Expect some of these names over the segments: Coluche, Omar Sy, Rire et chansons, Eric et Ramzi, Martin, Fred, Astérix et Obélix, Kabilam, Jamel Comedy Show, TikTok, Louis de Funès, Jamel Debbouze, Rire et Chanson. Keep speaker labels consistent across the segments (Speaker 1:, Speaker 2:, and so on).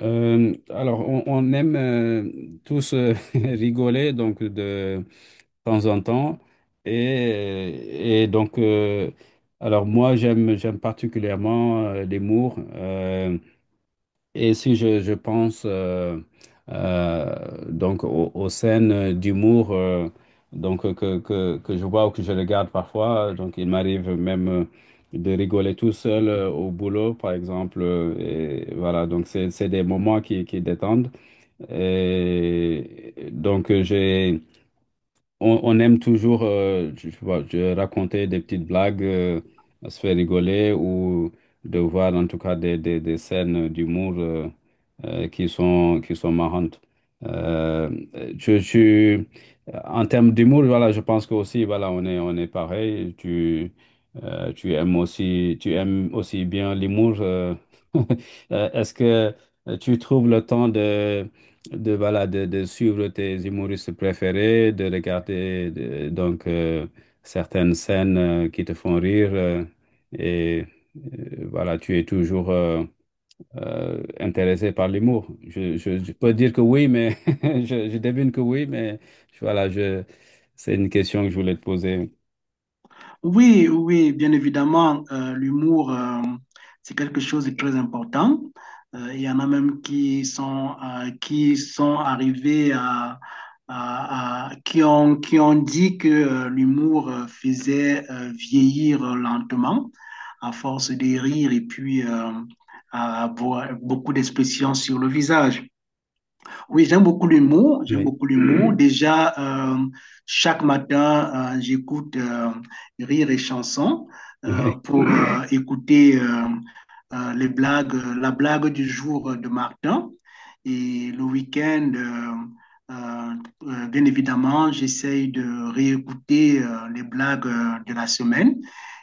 Speaker 1: On aime tous rigoler donc de temps en temps et alors moi j'aime particulièrement l'humour. Et si je pense euh, donc aux scènes d'humour que je vois ou que je regarde parfois, donc il m'arrive même de rigoler tout seul au boulot, par exemple. Et voilà, donc c'est des moments qui détendent. Et donc on aime toujours euh, je sais pas, je raconter des petites blagues, se faire rigoler ou de voir en tout cas des scènes d'humour qui sont marrantes. Euh, je, je- En termes d'humour, voilà, je pense que aussi, voilà, on est pareil. Tu aimes aussi bien l'humour. Est-ce que tu trouves le temps de voilà, de suivre tes humoristes préférés, de regarder certaines scènes qui te font rire et voilà, tu es toujours intéressé par l'humour. Je peux dire que oui, mais je devine que oui, mais je- voilà, je, c'est une question que je voulais te poser.
Speaker 2: Oui, oui, bien évidemment, l'humour, c'est quelque chose de très important. Il y en a même qui sont arrivés à, qui ont dit que l'humour faisait vieillir lentement à force de rire et puis à avoir beaucoup d'expressions sur le visage. Oui, j'aime beaucoup l'humour. J'aime
Speaker 1: Oui.
Speaker 2: beaucoup l'humour. Déjà, chaque matin, j'écoute Rire et chansons pour écouter les blagues, la blague du jour de Martin. Et le week-end, bien évidemment, j'essaye de réécouter les blagues de la semaine.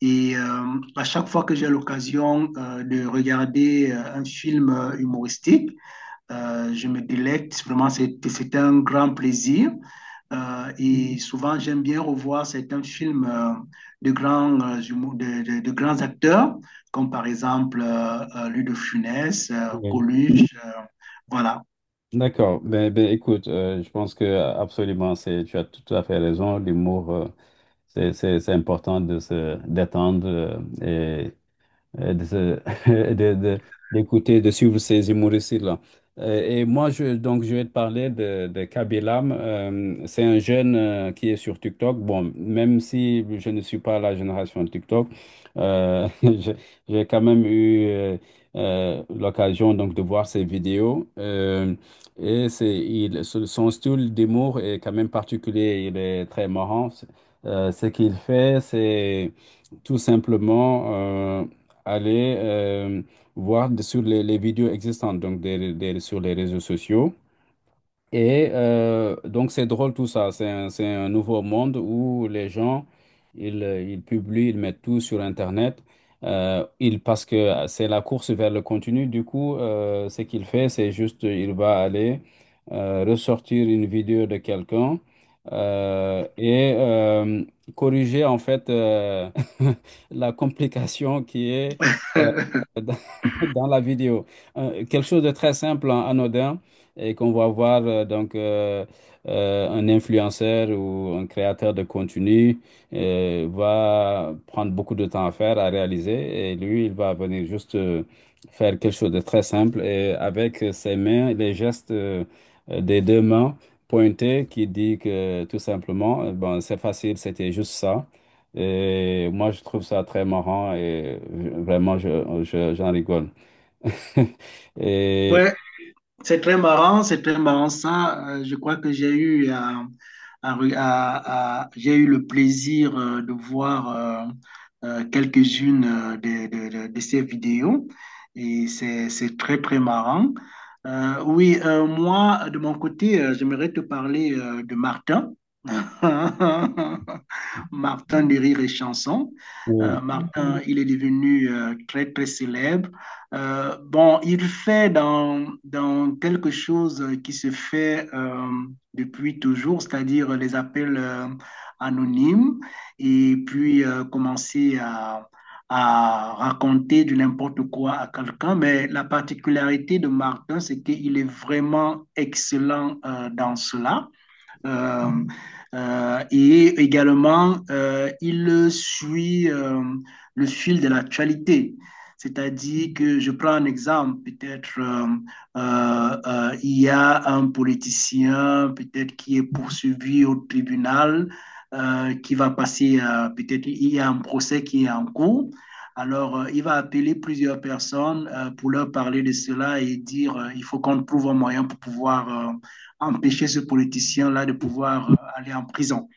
Speaker 2: Et euh, à chaque fois que j'ai l'occasion de regarder un film humoristique, je me délecte. Vraiment, c'était un grand plaisir. Et souvent, j'aime bien revoir certains films de grands, de grands acteurs, comme par exemple Louis de Funès,
Speaker 1: Oui.
Speaker 2: Coluche. Voilà.
Speaker 1: D'accord. Ben, écoute, je pense que absolument, c'est, tu as tout à fait raison. L'humour, c'est important de se détendre euh, euh, de, se- de- de- d'écouter, de suivre ces humoristes-là. Et moi, je vais te parler de Kabilam. C'est un jeune qui est sur TikTok. Bon, même si je ne suis pas la génération de TikTok, euh, je- j'ai quand même eu l'occasion donc de voir ses vidéos. Son style d'humour est quand même particulier. Il est très marrant. Ce qu'il fait, c'est tout simplement aller voir sur les vidéos existantes, donc sur les réseaux sociaux. Et donc c'est drôle tout ça, c'est un nouveau monde où les gens, ils publient, ils mettent tout sur Internet. Ils, parce que c'est la course vers le contenu, du coup, ce qu'il fait, c'est juste, il va aller ressortir une vidéo de quelqu'un et corriger en fait la complication qui est euh, dans la vidéo. Quelque chose de très simple, hein, anodin, et qu'on va voir un influenceur ou un créateur de contenu va prendre beaucoup de temps à faire, à réaliser, et lui, il va venir juste faire quelque chose de très simple et avec ses mains, les gestes des deux mains pointées qui dit que tout simplement, bon, c'est facile, c'était juste ça. Et moi, je trouve ça très marrant et vraiment, j'en rigole. Et,
Speaker 2: Ouais, c'est très marrant, c'est très marrant ça. Je crois que j'ai eu, à re- à- j'ai eu le plaisir de voir quelques-unes de ces vidéos et c'est très, très marrant. Oui, moi, de mon côté, j'aimerais te parler de Martin. Martin de Rire et Chanson.
Speaker 1: oui,
Speaker 2: Martin, il est devenu très, très célèbre. Bon, il fait dans, dans quelque chose qui se fait depuis toujours, c'est-à-dire les appels anonymes, et puis commencer à raconter du n'importe quoi à quelqu'un, mais la particularité de Martin, c'est qu'il est vraiment excellent dans cela. Euh, et également, il suit le fil de l'actualité. C'est-à-dire que je prends un exemple, peut-être il y a un politicien peut-être qui est poursuivi au tribunal, qui va passer, peut-être il y a un procès qui est en cours. Alors, il va appeler plusieurs personnes pour leur parler de cela et dire, il faut qu'on trouve un moyen pour pouvoir empêcher ce politicien-là de pouvoir aller en prison.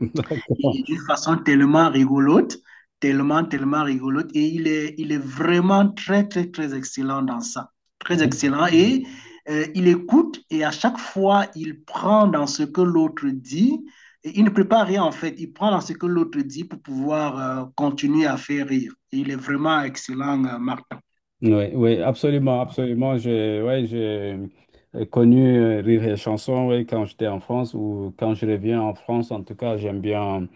Speaker 1: d'accord.
Speaker 2: Et d'une façon tellement rigolote, tellement, tellement rigolote. Et il est vraiment très, très, très excellent dans ça. Très
Speaker 1: Oui,
Speaker 2: excellent. Il écoute et à chaque fois, il prend dans ce que l'autre dit. Et il ne prépare rien en fait. Il prend dans ce que l'autre dit pour pouvoir continuer à faire rire. Et il est vraiment excellent, Martin.
Speaker 1: oui, absolument, absolument. Ouais, j'ai connu Rire et Chanson, ouais, quand j'étais en France ou quand je reviens en France. En tout cas, j'aime bien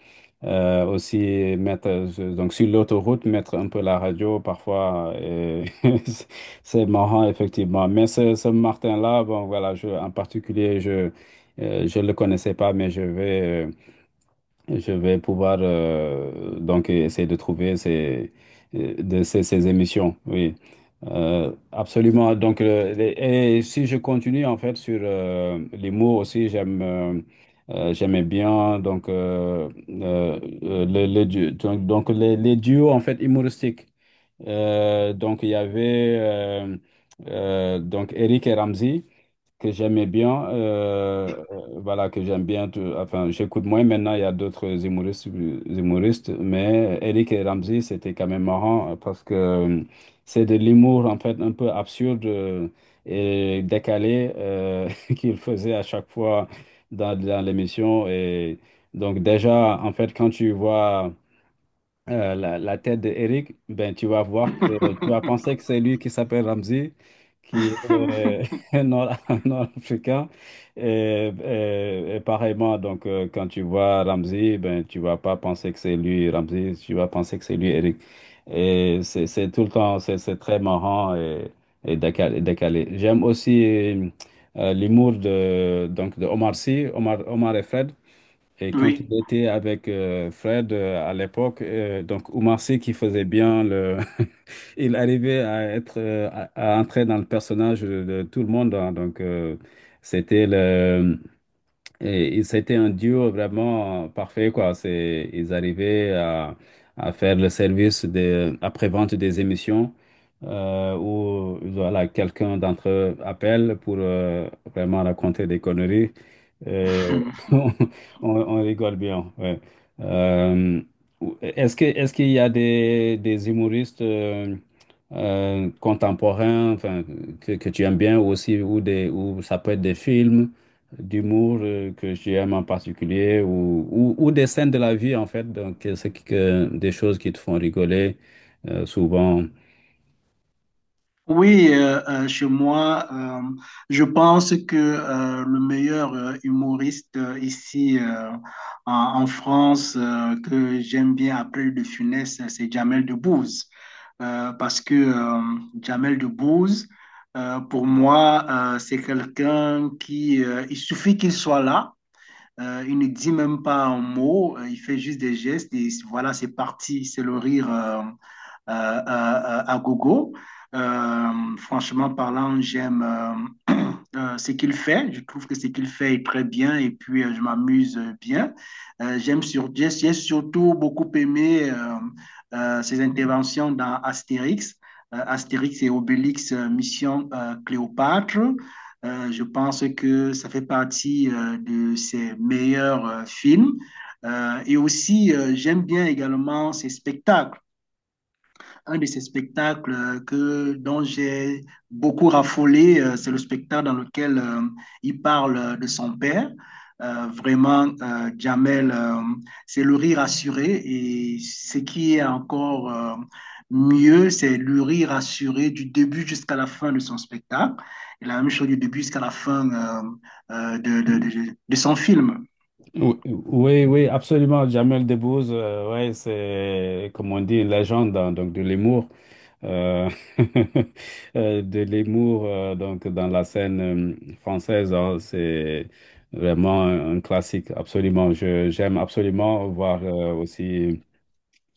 Speaker 1: aussi mettre, donc sur l'autoroute, mettre un peu la radio parfois, et c'est c'est marrant, effectivement. Mais ce Martin-là, bon, voilà, je, en particulier, je le connaissais pas, mais je vais. Je vais pouvoir donc essayer de trouver ces émissions, oui. Absolument. Et si je continue en fait sur les mots aussi, j'aimais bien donc, euh, les du- donc les duos en fait humoristiques. Donc, il y avait donc Eric et Ramzi que j'aimais bien. Voilà, que j'aime bien. Enfin, j'écoute moins maintenant. Il y a d'autres humoristes, humoristes, mais Eric et Ramzi, c'était quand même marrant parce que c'est de l'humour en fait un peu absurde et décalé qu'ils faisaient à chaque fois dans l'émission. Et donc, déjà, en fait, quand tu vois la tête d'Eric, ben, tu vas voir que tu vas penser que c'est lui qui s'appelle Ramsey, qui est nord, africain Et pareillement, donc, quand tu vois Ramsey, ben, tu vas pas penser que c'est lui Ramsey, tu vas penser que c'est lui Eric. C'est tout le temps, c'est très marrant et décalé. Décalé. J'aime aussi l'humour de, donc, de Omar Sy, Omar et Fred. Et quand
Speaker 2: oui.
Speaker 1: il était avec Fred à l'époque, donc Oumar Sy qui faisait bien le, il arrivait à être à entrer dans le personnage de tout le monde, hein. Donc c'était le, et c'était un duo vraiment parfait, quoi. Ils arrivaient à faire le service des après-vente des émissions où voilà quelqu'un d'entre eux appelle pour vraiment raconter des conneries. Euh, on rigole bien, ouais. Euh, est-ce qu'il y a des humoristes contemporains, enfin, que tu aimes bien ou aussi, ou des, ou ça peut être des films d'humour que j'aime en particulier, ou des scènes de la vie en fait, donc que des choses qui te font rigoler souvent.
Speaker 2: Oui, chez moi, je pense que le meilleur humoriste ici en, en France que j'aime bien après De Funès, c'est Jamel Debbouze. Parce que Jamel Debbouze, pour moi, c'est quelqu'un qui, il suffit qu'il soit là. Il ne dit même pas un mot, il fait juste des gestes et voilà, c'est parti, c'est le rire. À gogo. Euh, Franchement parlant, j'aime ce qu'il fait. Je trouve que ce qu'il fait est très bien et puis je m'amuse bien. J'aime sur, j'ai surtout beaucoup aimé ses interventions dans Astérix. Astérix et Obélix, Mission Cléopâtre. Je pense que ça fait partie de ses meilleurs films. Et aussi, j'aime bien également ses spectacles. Un de ces spectacles que, dont j'ai beaucoup raffolé, c'est le spectacle dans lequel il parle de son père. Vraiment, Jamel, c'est le rire assuré. Et ce qui est encore mieux, c'est le rire assuré du début jusqu'à la fin de son spectacle. Et la même chose du début jusqu'à la fin de, de son film.
Speaker 1: Ou- Oui, oui, absolument. Jamel Debbouze, ouais, c'est, comme on dit, une légende, hein, donc de l'humour, euh, de l'humour donc dans la scène française, hein. C'est vraiment un classique, absolument. Je, j'aime absolument voir aussi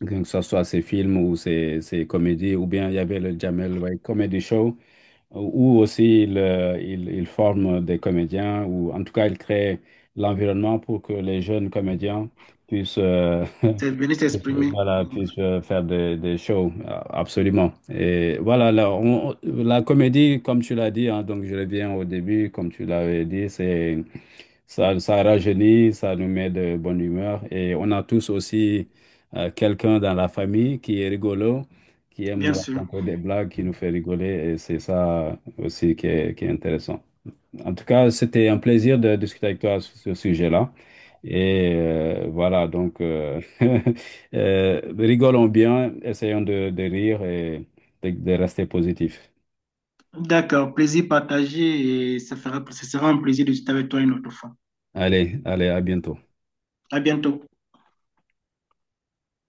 Speaker 1: que ce soit ses films ou ses, ses comédies, ou bien il y avait le Jamel, ouais, Comedy Show ou aussi ils, ils forment des comédiens, ou en tout cas, ils créent l'environnement pour que les jeunes comédiens puissent, euh,
Speaker 2: C'est venir
Speaker 1: puissent,
Speaker 2: s'exprimer,
Speaker 1: voilà,
Speaker 2: mhm.
Speaker 1: puissent faire des shows, absolument. Et voilà, la comédie, comme tu l'as dit, hein, donc je reviens au début, comme tu l'avais dit, c'est... Ça rajeunit, ça nous met de bonne humeur. Et on a tous aussi quelqu'un dans la famille qui est rigolo, qui aime
Speaker 2: Bien sûr.
Speaker 1: raconter des blagues, qui nous fait rigoler. Et c'est ça aussi qui est intéressant. En tout cas, c'était un plaisir de discuter avec toi sur ce sujet-là. Et voilà, donc rigolons bien, essayons de rire et de rester positif.
Speaker 2: D'accord, plaisir partagé et ça fera, ce sera un plaisir de discuter avec toi une autre fois.
Speaker 1: Allez, allez, à bientôt.
Speaker 2: À bientôt.